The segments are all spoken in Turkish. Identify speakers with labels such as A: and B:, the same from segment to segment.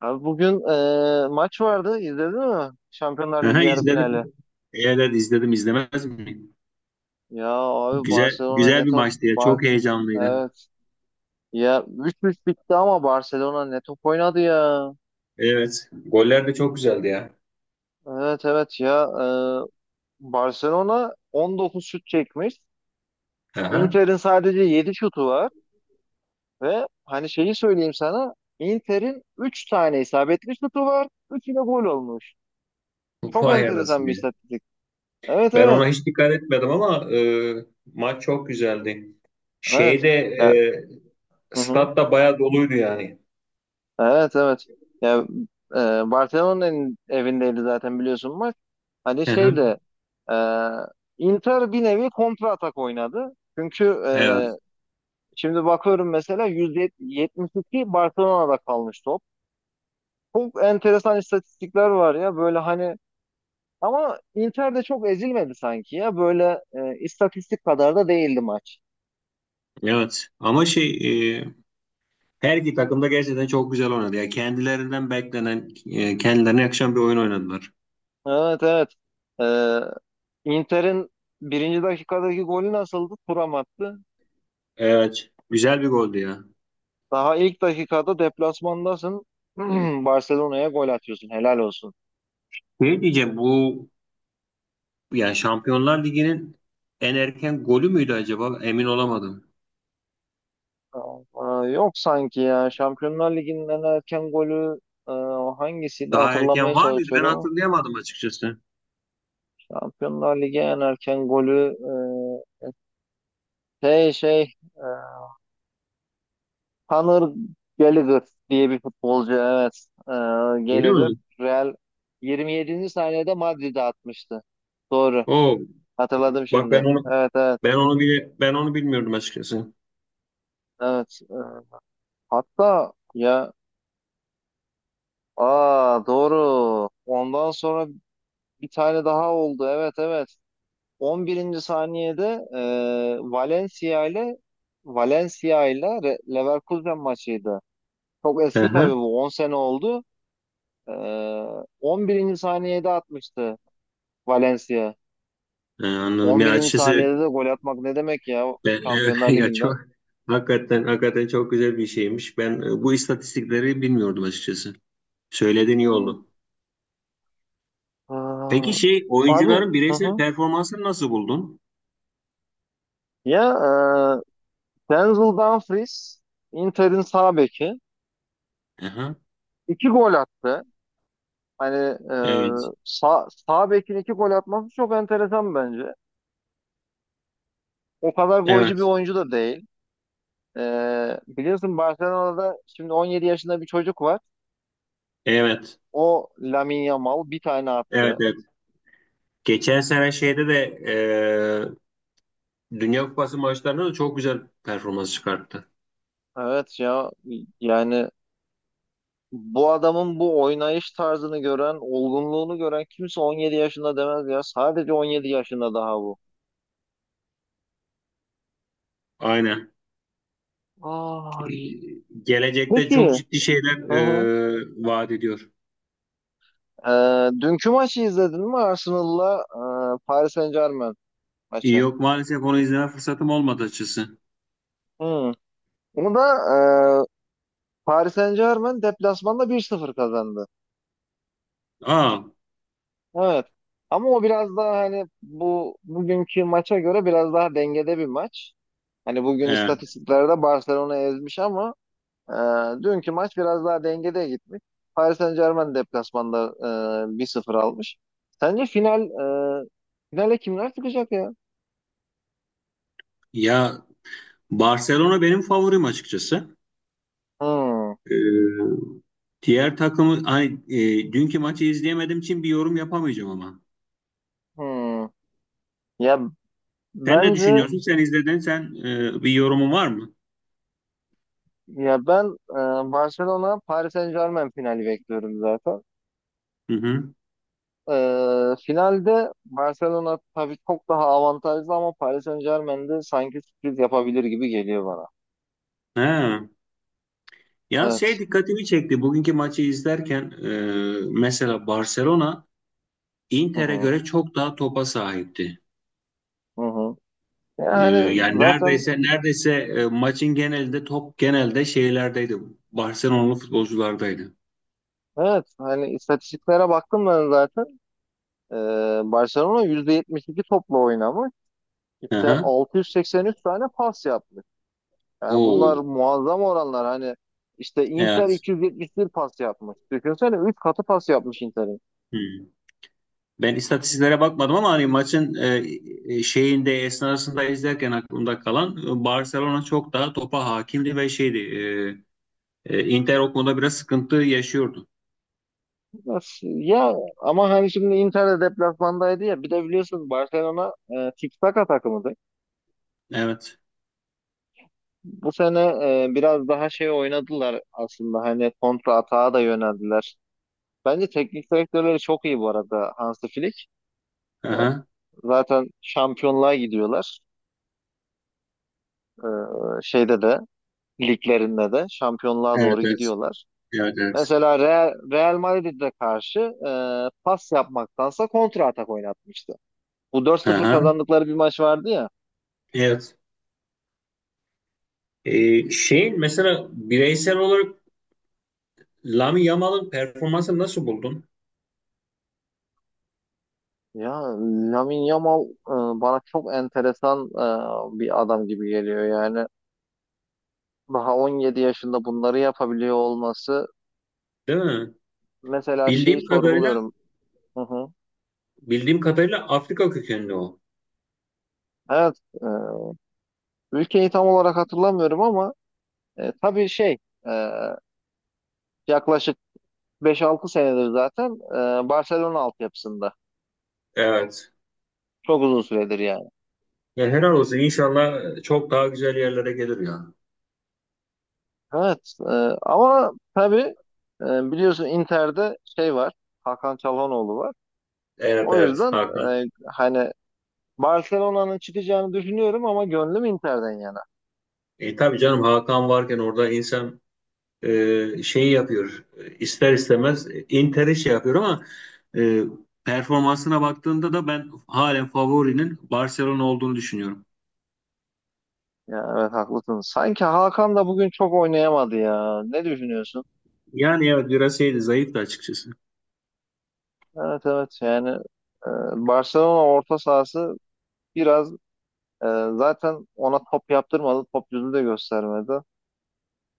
A: Abi bugün maç vardı. İzledin mi? Şampiyonlar Ligi
B: Aha,
A: yarı finali.
B: izledim. Evet izledim izlemez miyim?
A: Ya abi,
B: Güzel
A: Barcelona ne
B: güzel bir
A: top
B: maçtı ya.
A: var.
B: Çok heyecanlıydı.
A: Evet. Ya 3-3 bitti ama Barcelona ne top oynadı ya.
B: Evet. Goller de çok güzeldi ya.
A: Evet, evet, ya. Barcelona 19 şut çekmiş.
B: Aha.
A: Inter'in sadece 7 şutu var. Ve hani, şeyi söyleyeyim sana. Inter'in 3 tane isabetli şutu var. 3'ü de gol olmuş. Çok
B: Vay
A: enteresan
B: anasını
A: bir
B: ya.
A: istatistik. Evet,
B: Ben
A: evet.
B: ona hiç dikkat etmedim ama maç çok güzeldi.
A: Evet.
B: Şeyde
A: Ya.
B: e,
A: Hı hı.
B: Stat da bayağı doluydu yani.
A: Evet, evet. Ya, e, Barcelona'nın evindeydi zaten, biliyorsun, maç. Hani şey
B: Aha.
A: de e, Inter bir nevi kontra atak oynadı. Çünkü
B: Evet.
A: şimdi bakıyorum, mesela %72 Barcelona'da kalmış top. Çok enteresan istatistikler var ya böyle, hani, ama Inter de çok ezilmedi sanki ya, böyle istatistik kadar da değildi maç.
B: Evet. Ama e, her iki takım da gerçekten çok güzel oynadı. Ya kendilerinden beklenen, kendilerine yakışan bir oyun oynadılar.
A: Evet, evet. E, Inter'in birinci dakikadaki golü nasıldı? Thuram attı.
B: Evet. Güzel bir goldü ya.
A: Daha ilk dakikada deplasmandasın. Barcelona'ya gol atıyorsun. Helal olsun.
B: Ne diyeceğim bu, yani Şampiyonlar Ligi'nin en erken golü müydü acaba? Emin olamadım.
A: Aa, yok sanki ya. Şampiyonlar Ligi'nin en erken golü, o hangisiydi,
B: Daha
A: hatırlamaya
B: erken var mıydı? Ben
A: çalışıyorum.
B: hatırlayamadım açıkçası.
A: Şampiyonlar Ligi en erken golü, e, şey şey e, Conor Gallagher diye bir futbolcu, evet,
B: Öyle
A: Gallagher
B: mi?
A: Real 27. saniyede Madrid'e atmıştı. Doğru.
B: Oo,
A: Hatırladım
B: bak
A: şimdi.
B: ben onu
A: Evet, evet,
B: ben onu bile ben onu bilmiyordum açıkçası.
A: evet. Hatta ya. Aa, doğru. Ondan sonra bir tane daha oldu. Evet, evet. 11. saniyede e, Valencia ile Valencia ile Leverkusen maçıydı. Çok
B: Hı
A: eski
B: hı.
A: tabii bu. 10 sene oldu. E, on birinci saniyede atmıştı Valencia.
B: Anladım.
A: On
B: Ya
A: birinci
B: açıkçası
A: saniyede de gol atmak ne demek ya,
B: ben evet,
A: Şampiyonlar
B: ya
A: Ligi'nde?
B: çok hakikaten çok güzel bir şeymiş. Ben bu istatistikleri bilmiyordum açıkçası. Söylediğin iyi
A: Hı.
B: oldu.
A: Aa,
B: Peki şey
A: abi,
B: oyuncuların
A: hı
B: bireysel
A: hı.
B: performansını nasıl buldun?
A: Ya, Denzel Dumfries Inter'in sağ beki.
B: Aha,
A: İki gol attı. Hani, e,
B: evet.
A: sağ bekin iki gol atması çok enteresan bence. O kadar golcü
B: Evet.
A: bir oyuncu da değil. E, biliyorsun Barcelona'da şimdi 17 yaşında bir çocuk var.
B: Evet.
A: O Lamine Yamal bir tane
B: Evet.
A: attı.
B: Evet. Geçen sene Dünya Kupası maçlarında da çok güzel performans çıkarttı.
A: Evet ya, yani bu adamın bu oynayış tarzını gören, olgunluğunu gören kimse 17 yaşında demez ya. Sadece 17 yaşında daha bu.
B: Aynen.
A: Ay,
B: Gelecekte
A: peki.
B: çok ciddi şeyler
A: Hı hı.
B: vaat ediyor.
A: E, dünkü maçı izledin mi, Arsenal'la Paris Saint-Germain maçı?
B: Yok maalesef onu izleme fırsatım olmadı açıkçası.
A: Hı. Onu da e, Paris Saint-Germain deplasmanda 1-0 kazandı.
B: Aa,
A: Evet. Ama o biraz daha, hani, bu bugünkü maça göre biraz daha dengede bir maç. Hani bugün
B: evet.
A: istatistiklerde Barcelona ezmiş ama e, dünkü maç biraz daha dengede gitmiş. Paris Saint-Germain deplasmanda 1-0 almış. Sence e, finale kimler çıkacak ya?
B: Ya Barcelona benim favorim açıkçası.
A: Hmm.
B: E, diğer takımı hani dünkü maçı izleyemediğim için bir yorum yapamayacağım ama.
A: Hmm. Ya
B: Sen ne
A: bence,
B: düşünüyorsun? Sen izledin. Sen bir yorumun var mı?
A: ya ben, Barcelona Paris Saint-Germain finali bekliyorum zaten.
B: Hı hı.
A: Finalde Barcelona tabii çok daha avantajlı ama Paris Saint-Germain de sanki sürpriz yapabilir gibi geliyor bana.
B: He. Ya şey
A: Evet.
B: dikkatimi çekti. Bugünkü maçı izlerken mesela Barcelona
A: Hı
B: Inter'e
A: hı.
B: göre çok daha topa sahipti.
A: Hı hı.
B: E,
A: Yani
B: yani
A: zaten
B: neredeyse maçın genelinde top genelde şeylerdeydi. Barcelona'lı futbolculardaydı.
A: evet, hani, istatistiklere baktım ben zaten. Ee, Barcelona %72 topla oynamış.
B: Hı
A: İşte
B: hı.
A: 683 tane pas yapmış. Yani bunlar
B: Oo.
A: muazzam oranlar. Hani işte Inter
B: Evet.
A: 271 pas yapmış. Düşünsene 3 katı pas yapmış Inter.
B: Hmm. Ben istatistiklere bakmadım ama hani maçın e, e, şeyinde esnasında izlerken aklımda kalan, Barcelona çok daha topa hakimdi ve şeydi. Inter o konuda biraz sıkıntı yaşıyordu.
A: Nasıl? Ya ama hani şimdi Inter de deplasmandaydı ya. Bir de biliyorsunuz Barcelona tiki-taka takımıdır.
B: Evet.
A: Bu sene biraz daha şey oynadılar aslında. Hani kontra atağa da yöneldiler. Bence teknik direktörleri çok iyi bu arada, Hansi Flick.
B: Aha.
A: Zaten şampiyonluğa gidiyorlar. E, şeyde de liglerinde de şampiyonluğa
B: Evet,
A: doğru
B: evet.
A: gidiyorlar.
B: Evet, evet.
A: Mesela Real Madrid'e karşı e, pas yapmaktansa kontra atak oynatmıştı. Bu 4-0
B: Aha.
A: kazandıkları bir maç vardı ya.
B: Evet. Şeyin mesela bireysel olarak Lamine Yamal'ın performansını nasıl buldun?
A: Ya Lamine Yamal bana çok enteresan, bir adam gibi geliyor yani. Daha 17 yaşında bunları yapabiliyor olması,
B: Değil mi?
A: mesela, şeyi
B: Bildiğim kadarıyla
A: sorguluyorum. Hı hı.
B: bildiğim kadarıyla Afrika kökenli o.
A: Evet, ülkeyi tam olarak hatırlamıyorum ama tabii şey, e, yaklaşık 5-6 senedir zaten Barcelona altyapısında.
B: Evet.
A: Çok uzun süredir yani.
B: Ya helal olsun. İnşallah çok daha güzel yerlere gelir ya.
A: Evet, ama tabii, biliyorsun Inter'de şey var, Hakan Çalhanoğlu var.
B: Evet
A: O
B: evet
A: yüzden
B: Hakan.
A: hani Barcelona'nın çıkacağını düşünüyorum ama gönlüm Inter'den yana.
B: E, tabii canım Hakan varken orada insan şeyi yapıyor. E, ister istemez Inter'i şey yapıyor ama e, performansına baktığında da ben halen favorinin Barcelona olduğunu düşünüyorum.
A: Ya evet, haklısın. Sanki Hakan da bugün çok oynayamadı ya. Ne düşünüyorsun?
B: Yani evet biraz şeydi, zayıftı açıkçası.
A: Evet, evet, yani e, Barcelona orta sahası biraz, e, zaten ona top yaptırmadı. Top yüzü de göstermedi.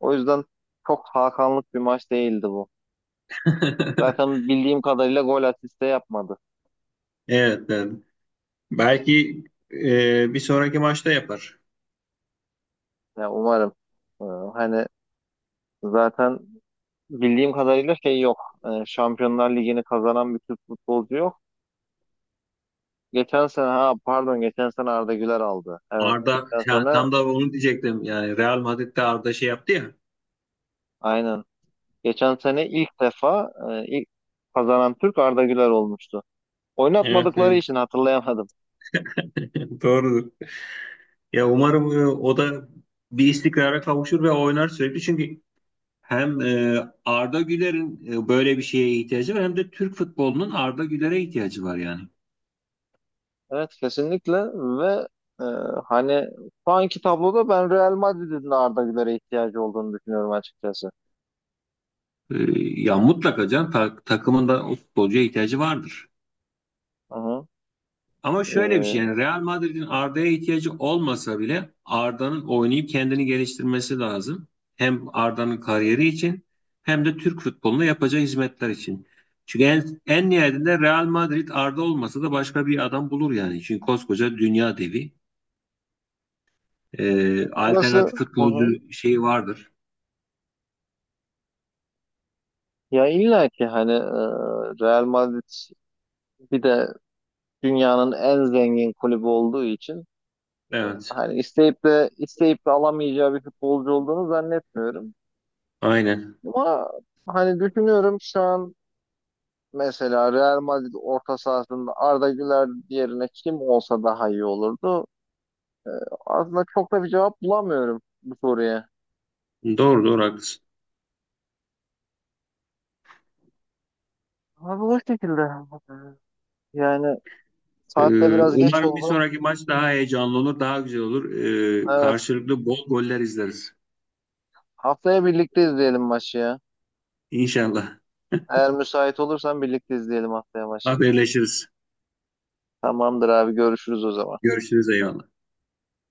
A: O yüzden çok Hakanlık bir maç değildi bu. Zaten bildiğim kadarıyla gol asiste yapmadı.
B: Evet, evet. Belki bir sonraki maçta yapar.
A: Ya umarım. E, hani zaten bildiğim kadarıyla şey yok. Şampiyonlar Ligi'ni kazanan bir Türk futbolcu yok. Geçen sene, ha pardon, geçen sene Arda Güler aldı. Evet,
B: Arda
A: geçen
B: ya,
A: sene
B: tam da onu diyecektim. Yani Real Madrid'de Arda şey yaptı ya.
A: aynen. Geçen sene ilk defa, ilk kazanan Türk, Arda Güler olmuştu.
B: Evet,
A: Oynatmadıkları
B: evet.
A: için hatırlayamadım.
B: Doğrudur. Ya umarım o da bir istikrara kavuşur ve oynar sürekli. Çünkü hem Arda Güler'in, böyle bir şeye ihtiyacı var, hem de Türk futbolunun Arda Güler'e ihtiyacı var yani.
A: Evet, kesinlikle. Ve e, hani şu anki tabloda ben Real Madrid'in de Arda Güler'e ihtiyacı olduğunu düşünüyorum açıkçası.
B: E, ya mutlaka can takımın da o futbolcuya ihtiyacı vardır.
A: Hı hı.
B: Ama şöyle bir şey,
A: E,
B: yani Real Madrid'in Arda'ya ihtiyacı olmasa bile Arda'nın oynayıp kendini geliştirmesi lazım. Hem Arda'nın kariyeri için hem de Türk futboluna yapacağı hizmetler için. Çünkü en nihayetinde Real Madrid Arda olmasa da başka bir adam bulur yani. Çünkü koskoca dünya devi.
A: orası
B: Alternatif
A: Hı hı.
B: futbolcu şeyi vardır.
A: Ya illa ki hani, Real Madrid bir de dünyanın en zengin kulübü olduğu için,
B: Evet,
A: hani, isteyip de isteyip de alamayacağı bir futbolcu olduğunu zannetmiyorum.
B: aynen.
A: Ama hani düşünüyorum şu an, mesela Real Madrid orta sahasında Arda Güler yerine kim olsa daha iyi olurdu. Aslında çok da bir cevap bulamıyorum bu soruya.
B: Doğru, doğru haklısın.
A: Abi, o şekilde. Yani saat de biraz geç
B: Umarım bir
A: oldu.
B: sonraki maç daha heyecanlı olur, daha güzel olur.
A: Evet.
B: Karşılıklı bol goller izleriz.
A: Haftaya birlikte izleyelim maçı ya.
B: İnşallah.
A: Eğer müsait olursan birlikte izleyelim haftaya maçı.
B: Haberleşiriz.
A: Tamamdır abi, görüşürüz o zaman.
B: Görüşürüz, eyvallah.